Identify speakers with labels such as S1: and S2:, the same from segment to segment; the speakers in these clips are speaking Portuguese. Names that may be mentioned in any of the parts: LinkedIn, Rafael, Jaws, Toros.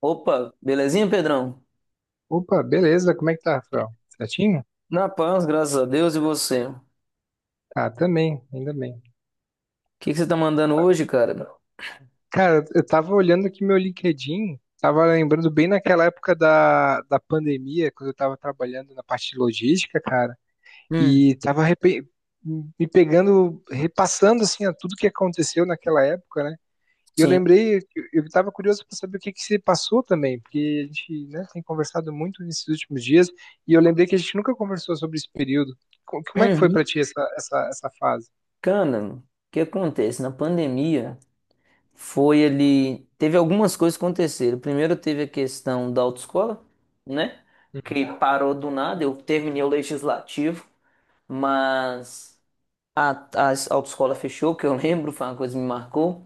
S1: Opa, belezinha, Pedrão?
S2: Opa, beleza, como é que tá, Rafael? Certinho?
S1: Na paz, graças a Deus e você. O
S2: Ah, também, ainda bem.
S1: que que você tá mandando hoje, cara?
S2: Cara, eu tava olhando aqui meu LinkedIn, tava lembrando bem naquela época da pandemia, quando eu tava trabalhando na parte de logística, cara,
S1: Hum,
S2: e me pegando, repassando, assim, a tudo que aconteceu naquela época, né? E eu
S1: Sim.
S2: lembrei, eu tava curioso para saber o que que se passou também, porque a gente, né, tem conversado muito nesses últimos dias, e eu lembrei que a gente nunca conversou sobre esse período. Como é que foi pra
S1: Uhum.
S2: ti essa fase?
S1: Cara, o que acontece? Na pandemia foi ali. Teve algumas coisas que aconteceram. Primeiro teve a questão da autoescola, né? Que
S2: Uhum.
S1: parou do nada. Eu terminei o legislativo, mas a, a autoescola fechou, que eu lembro, foi uma coisa que me marcou.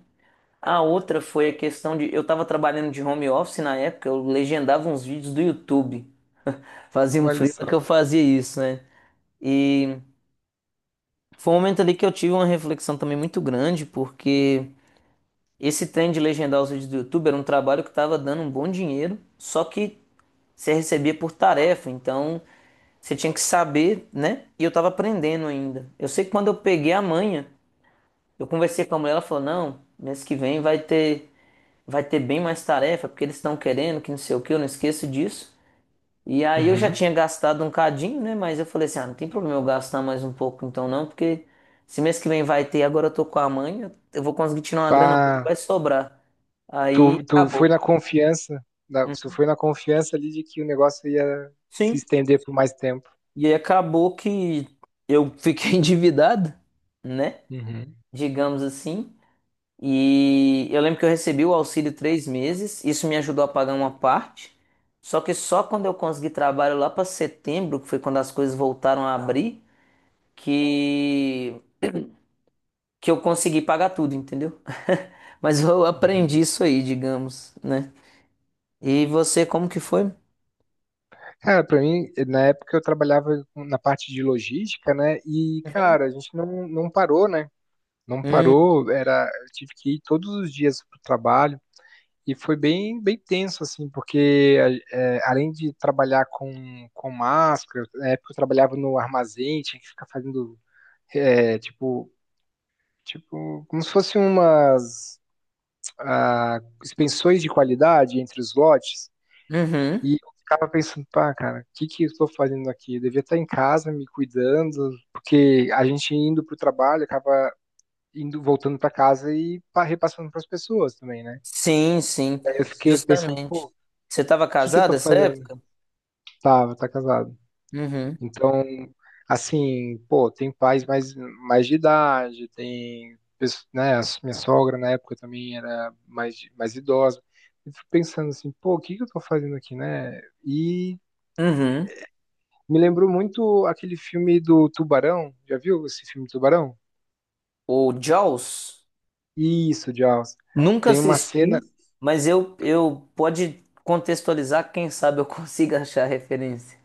S1: A outra foi a questão de. Eu tava trabalhando de home office na época, eu legendava uns vídeos do YouTube. Fazia um
S2: Olha só.
S1: freela que eu fazia isso, né? E foi um momento ali que eu tive uma reflexão também muito grande, porque esse trem de legendar os vídeos do YouTube era um trabalho que estava dando um bom dinheiro, só que você recebia por tarefa, então você tinha que saber, né? E eu estava aprendendo ainda. Eu sei que quando eu peguei a manha, eu conversei com a mulher, ela falou: "Não, mês que vem vai ter bem mais tarefa, porque eles estão querendo, que não sei o que, eu não esqueço disso". E aí eu já
S2: Uhum.
S1: tinha gastado um cadinho, né? Mas eu falei assim, ah, não tem problema eu gastar mais um pouco então não, porque se mês que vem vai ter, agora eu tô com a mãe, eu vou conseguir tirar uma grana boa e
S2: Ah,
S1: vai sobrar. Aí
S2: tu, tu foi
S1: acabou.
S2: na confiança, tu foi na confiança ali de que o negócio ia se
S1: Sim.
S2: estender por mais tempo.
S1: E aí acabou que eu fiquei endividado, né?
S2: Uhum.
S1: Digamos assim. E eu lembro que eu recebi o auxílio 3 meses, isso me ajudou a pagar uma parte. Só que só quando eu consegui trabalho lá para setembro, que foi quando as coisas voltaram a abrir, que que eu consegui pagar tudo, entendeu? Mas eu
S2: Uhum.
S1: aprendi isso aí, digamos, né? E você, como que foi?
S2: Cara, pra mim, na época eu na parte de logística, né? E,
S1: Uhum.
S2: cara, a gente não parou, né? Não
S1: Hum,
S2: parou, era, eu tive que ir todos os dias pro trabalho e foi bem, bem tenso, assim, porque além de trabalhar com máscara, na época eu trabalhava no armazém, tinha que ficar fazendo, é, tipo, tipo, como se fossem umas suspensões de qualidade entre os lotes.
S1: uhum.
S2: E eu ficava pensando, pá, cara, o que que eu estou fazendo aqui? Eu devia estar em casa me cuidando, porque a gente indo pro trabalho acaba indo voltando para casa e repassando para as pessoas também, né?
S1: Sim, sim,
S2: Aí eu fiquei pensando,
S1: justamente.
S2: pô, o
S1: Você estava
S2: que que eu tô
S1: casada essa
S2: fazendo?
S1: época?
S2: Tava, tá casado.
S1: Uhum.
S2: Então, assim, pô, tem pais mais de idade, né, a minha sogra na época também era mais, mais idosa. Eu fico pensando assim, pô, o que que eu tô fazendo aqui, né? E
S1: Uhum.
S2: me lembrou muito aquele filme do Tubarão, já viu esse filme Tubarão?
S1: O Jaws,
S2: Isso, Jaws.
S1: nunca
S2: Tem uma cena.
S1: assisti, mas eu, pode contextualizar, quem sabe eu consiga achar a referência.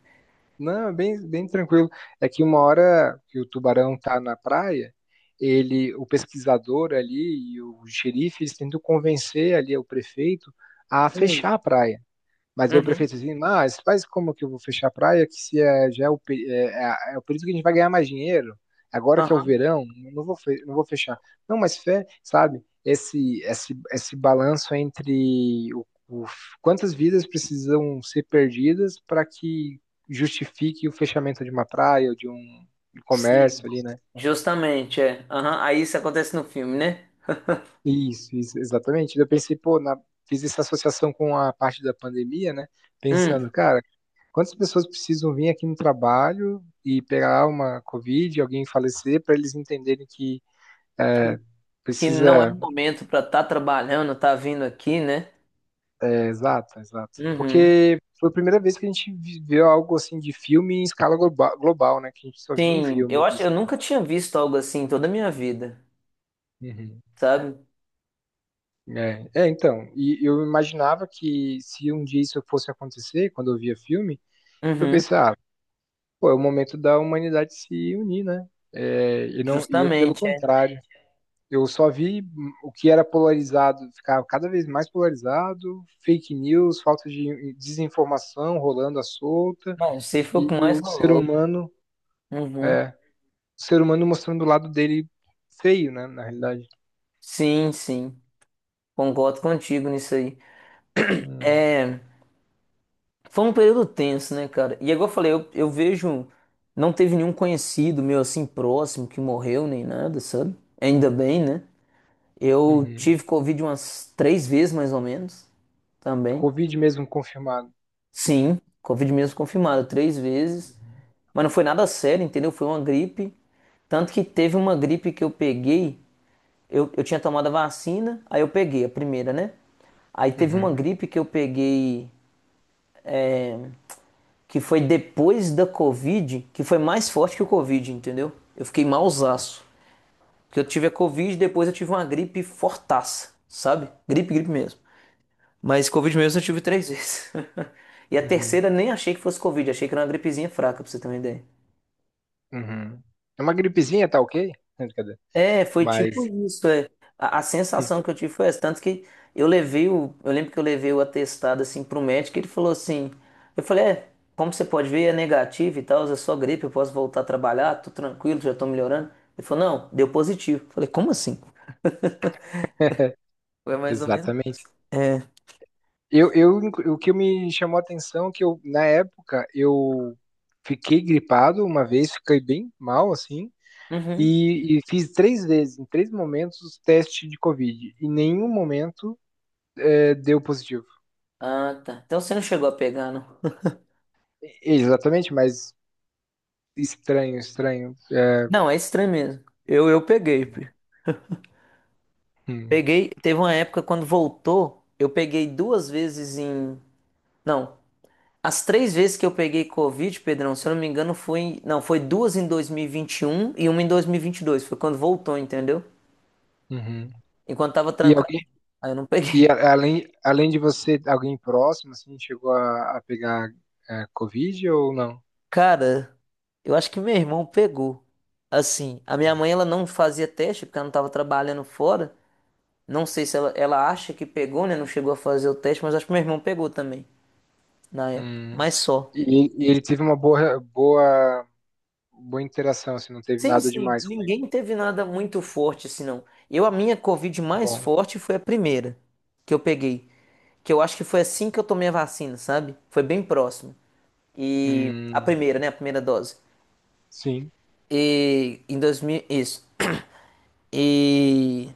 S2: Não, é bem, bem tranquilo. É que uma hora que o tubarão tá na praia, ele, o pesquisador ali e o xerife, eles tentam convencer ali o prefeito a
S1: Hum.
S2: fechar a praia. Mas eu
S1: Uhum.
S2: prefiro assim, mas faz como que eu vou fechar a praia, que se é, já é é o período que a gente vai ganhar mais dinheiro, agora que é o
S1: Aham.
S2: verão, não vou, não vou fechar. Não, mas fé, sabe, esse balanço entre quantas vidas precisam ser perdidas para que justifique o fechamento de uma praia ou de um
S1: Sim.
S2: comércio ali, né?
S1: Justamente, é. Aham. Aí isso acontece no filme, né?
S2: Isso, exatamente. Eu pensei, pô, fiz essa associação com a parte da pandemia, né? Pensando,
S1: Hum.
S2: cara, quantas pessoas precisam vir aqui no trabalho e pegar uma Covid, alguém falecer, para eles entenderem que é,
S1: Que não é um
S2: precisa.
S1: momento pra estar trabalhando, tá vindo aqui, né?
S2: É, exato, exato.
S1: Uhum.
S2: Porque foi a primeira vez que a gente viveu algo assim de filme em escala global, né? Que a gente só via em
S1: Sim,
S2: filme
S1: eu acho,
S2: isso,
S1: eu
S2: né?
S1: nunca tinha visto algo assim em toda a minha vida,
S2: Uhum.
S1: sabe?
S2: É, é, então, e eu imaginava que se um dia isso fosse acontecer, quando eu via filme, eu
S1: Uhum.
S2: pensava, pô, é o momento da humanidade se unir, né? É, e não, e eu, pelo
S1: Justamente, é.
S2: contrário, eu só vi o que era polarizado ficar cada vez mais polarizado, fake news, falta de desinformação rolando à solta,
S1: Não, você foi o que
S2: e
S1: mais
S2: o ser
S1: rolou.
S2: humano,
S1: Uhum.
S2: o ser humano mostrando o lado dele feio, né? Na realidade.
S1: Sim, sim. Concordo contigo nisso aí.
S2: Hum,
S1: É, foi um período tenso, né, cara? E agora eu falei, eu, vejo, não teve nenhum conhecido meu assim próximo que morreu nem nada, sabe? Ainda bem, né?
S2: é.
S1: Eu
S2: Uhum.
S1: tive Covid umas 3 vezes mais ou menos também.
S2: Covid mesmo confirmado.
S1: Sim, Covid mesmo confirmado 3 vezes,
S2: Uhum.
S1: mas não foi nada sério, entendeu? Foi uma gripe. Tanto que teve uma gripe que eu peguei, eu, tinha tomado a vacina, aí eu peguei a primeira, né? Aí teve uma
S2: Uhum.
S1: gripe que eu peguei que foi depois da Covid, que foi mais forte que o Covid, entendeu? Eu fiquei malzaço. Porque eu tive a Covid, depois eu tive uma gripe fortaça, sabe? Gripe, gripe mesmo. Mas Covid mesmo eu tive 3 vezes. E a
S2: Uhum.
S1: terceira nem achei que fosse Covid, achei que era uma gripezinha fraca, pra você ter uma ideia.
S2: Uhum. É uma gripezinha, tá ok? Brincadeira.
S1: É, foi tipo
S2: Mas,
S1: isso, é. A sensação que eu tive foi essa, tanto que eu levei o, eu lembro que eu levei o atestado assim pro médico, e ele falou assim, eu falei, é, como você pode ver, é negativo e tal, é só gripe, eu posso voltar a trabalhar, tô tranquilo, já tô melhorando. Ele falou, não, deu positivo. Eu falei, como assim? Foi mais ou menos.
S2: exatamente.
S1: É.
S2: O que me chamou a atenção é que eu, na época, eu fiquei gripado uma vez, fiquei bem mal, assim,
S1: Uhum.
S2: e fiz três vezes, em três momentos, os testes de Covid. E em nenhum momento deu positivo.
S1: Ah, tá. Então você não chegou a pegar, não?
S2: Exatamente, mas estranho, estranho. É,
S1: Não, é estranho mesmo. Eu, peguei, pi.
S2: hum,
S1: Peguei. Teve uma época quando voltou, eu peguei 2 vezes em. Não. As três vezes que eu peguei Covid, Pedrão, se eu não me engano, foi. Não, foi duas em 2021 e vinte e um e uma em 2022. Foi quando voltou, entendeu?
S2: uhum.
S1: Enquanto tava
S2: E
S1: trancado.
S2: alguém,
S1: Aí eu não peguei.
S2: além, além de você, alguém próximo, assim, chegou a pegar Covid ou não?
S1: Cara, eu acho que meu irmão pegou. Assim, a minha mãe, ela não fazia teste porque ela não tava trabalhando fora. Não sei se ela, acha que pegou, né? Não chegou a fazer o teste, mas acho que meu irmão pegou também na época.
S2: Hum.
S1: Mas só.
S2: E ele teve uma boa, boa interação, assim, não teve
S1: Sim,
S2: nada
S1: sim,
S2: demais com ele.
S1: ninguém teve nada muito forte assim, não. Eu, a minha Covid mais
S2: Bom,
S1: forte foi a primeira que eu peguei. Que eu acho que foi assim que eu tomei a vacina, sabe? Foi bem próximo. E a
S2: hum,
S1: primeira, né? A primeira dose.
S2: sim.
S1: E em 2000 isso. E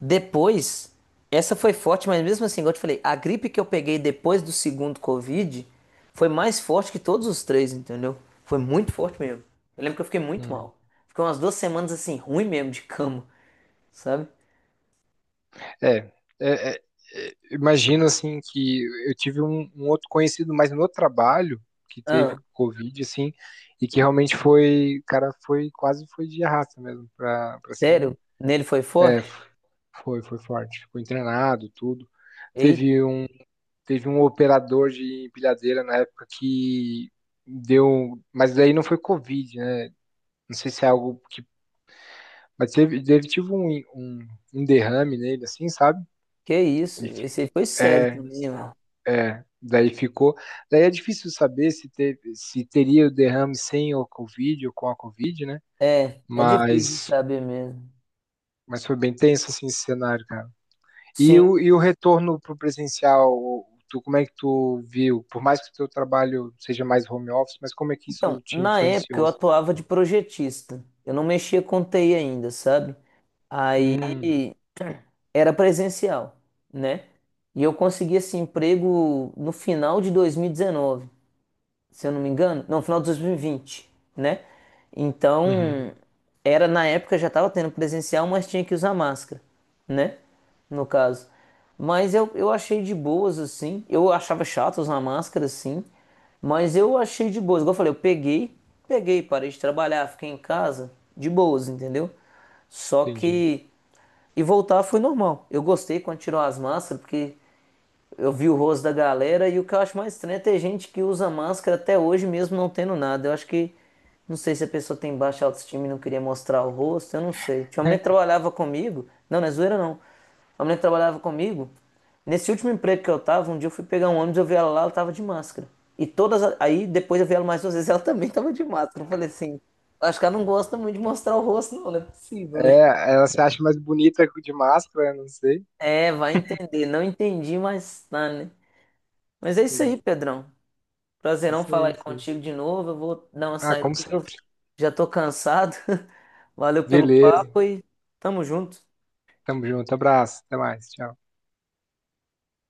S1: depois, essa foi forte, mas mesmo assim, igual eu te falei, a gripe que eu peguei depois do segundo Covid foi mais forte que todos os três, entendeu? Foi muito forte mesmo. Eu lembro que eu fiquei muito
S2: Hum.
S1: mal. Fiquei umas 2 semanas assim, ruim mesmo de cama, sabe?
S2: É, é, é, imagino assim que eu tive um outro conhecido, mas no trabalho que teve
S1: Ah,
S2: Covid, assim, e que realmente foi, cara, foi quase foi de arrasta mesmo pra, pra cima.
S1: sério? Nele foi
S2: É,
S1: forte?
S2: foi, foi forte. Ficou internado, tudo. Teve
S1: Eita,
S2: um, teve um operador de empilhadeira na época que deu, mas daí não foi Covid, né? Não sei se é algo que. Mas teve, teve tipo um derrame nele, assim, sabe?
S1: que isso?
S2: E,
S1: Esse aí foi sério
S2: é,
S1: também, mano.
S2: daí ficou. Daí é difícil saber se, teve, se teria o derrame sem o Covid ou com a Covid, né?
S1: É, é difícil de
S2: Mas,
S1: saber mesmo.
S2: mas foi bem tenso assim, esse cenário, cara.
S1: Sim,
S2: E o retorno pro presencial, tu, como é que tu viu? Por mais que o teu trabalho seja mais home office, mas como é que
S1: então,
S2: isso te
S1: na época
S2: influenciou,
S1: eu
S2: assim?
S1: atuava de projetista. Eu não mexia com TI ainda, sabe?
S2: Hum,
S1: Era presencial, né? E eu consegui esse emprego no final de 2019, se eu não me engano, não, final de 2020, né?
S2: uhum,
S1: Então, era na época já estava tendo presencial, mas tinha que usar máscara, né? No caso. Mas eu, achei de boas assim. Eu achava chato usar máscara assim, mas eu achei de boas. Igual eu falei, eu peguei, peguei, parei de trabalhar, fiquei em casa de boas, entendeu? Só
S2: entendi.
S1: que e voltar foi normal. Eu gostei quando tirou as máscaras, porque eu vi o rosto da galera. E o que eu acho mais estranho é ter gente que usa máscara até hoje, mesmo não tendo nada. Eu acho que. Não sei se a pessoa tem baixa autoestima e não queria mostrar o rosto, eu não sei. Tinha uma mulher que trabalhava comigo. Não, não é zoeira não. A mulher que trabalhava comigo, nesse último emprego que eu tava, um dia eu fui pegar um ônibus, eu vi ela lá, ela tava de máscara. E todas. Aí depois eu vi ela mais 2 vezes, ela também tava de máscara. Eu falei assim, acho que ela não gosta muito de mostrar o rosto, não, não é possível, né?
S2: É, ela se acha mais bonita de máscara, não sei.
S1: É, vai entender. Não entendi, mas tá, né? Mas é isso aí, Pedrão. Prazerão
S2: Isso
S1: falar
S2: aí,
S1: aí
S2: isso aí.
S1: contigo de novo. Eu vou dar uma
S2: Ah,
S1: saída
S2: como
S1: aqui que eu
S2: sempre.
S1: já tô cansado. Valeu pelo
S2: Beleza.
S1: papo e tamo junto.
S2: Tamo junto. Abraço. Até mais. Tchau.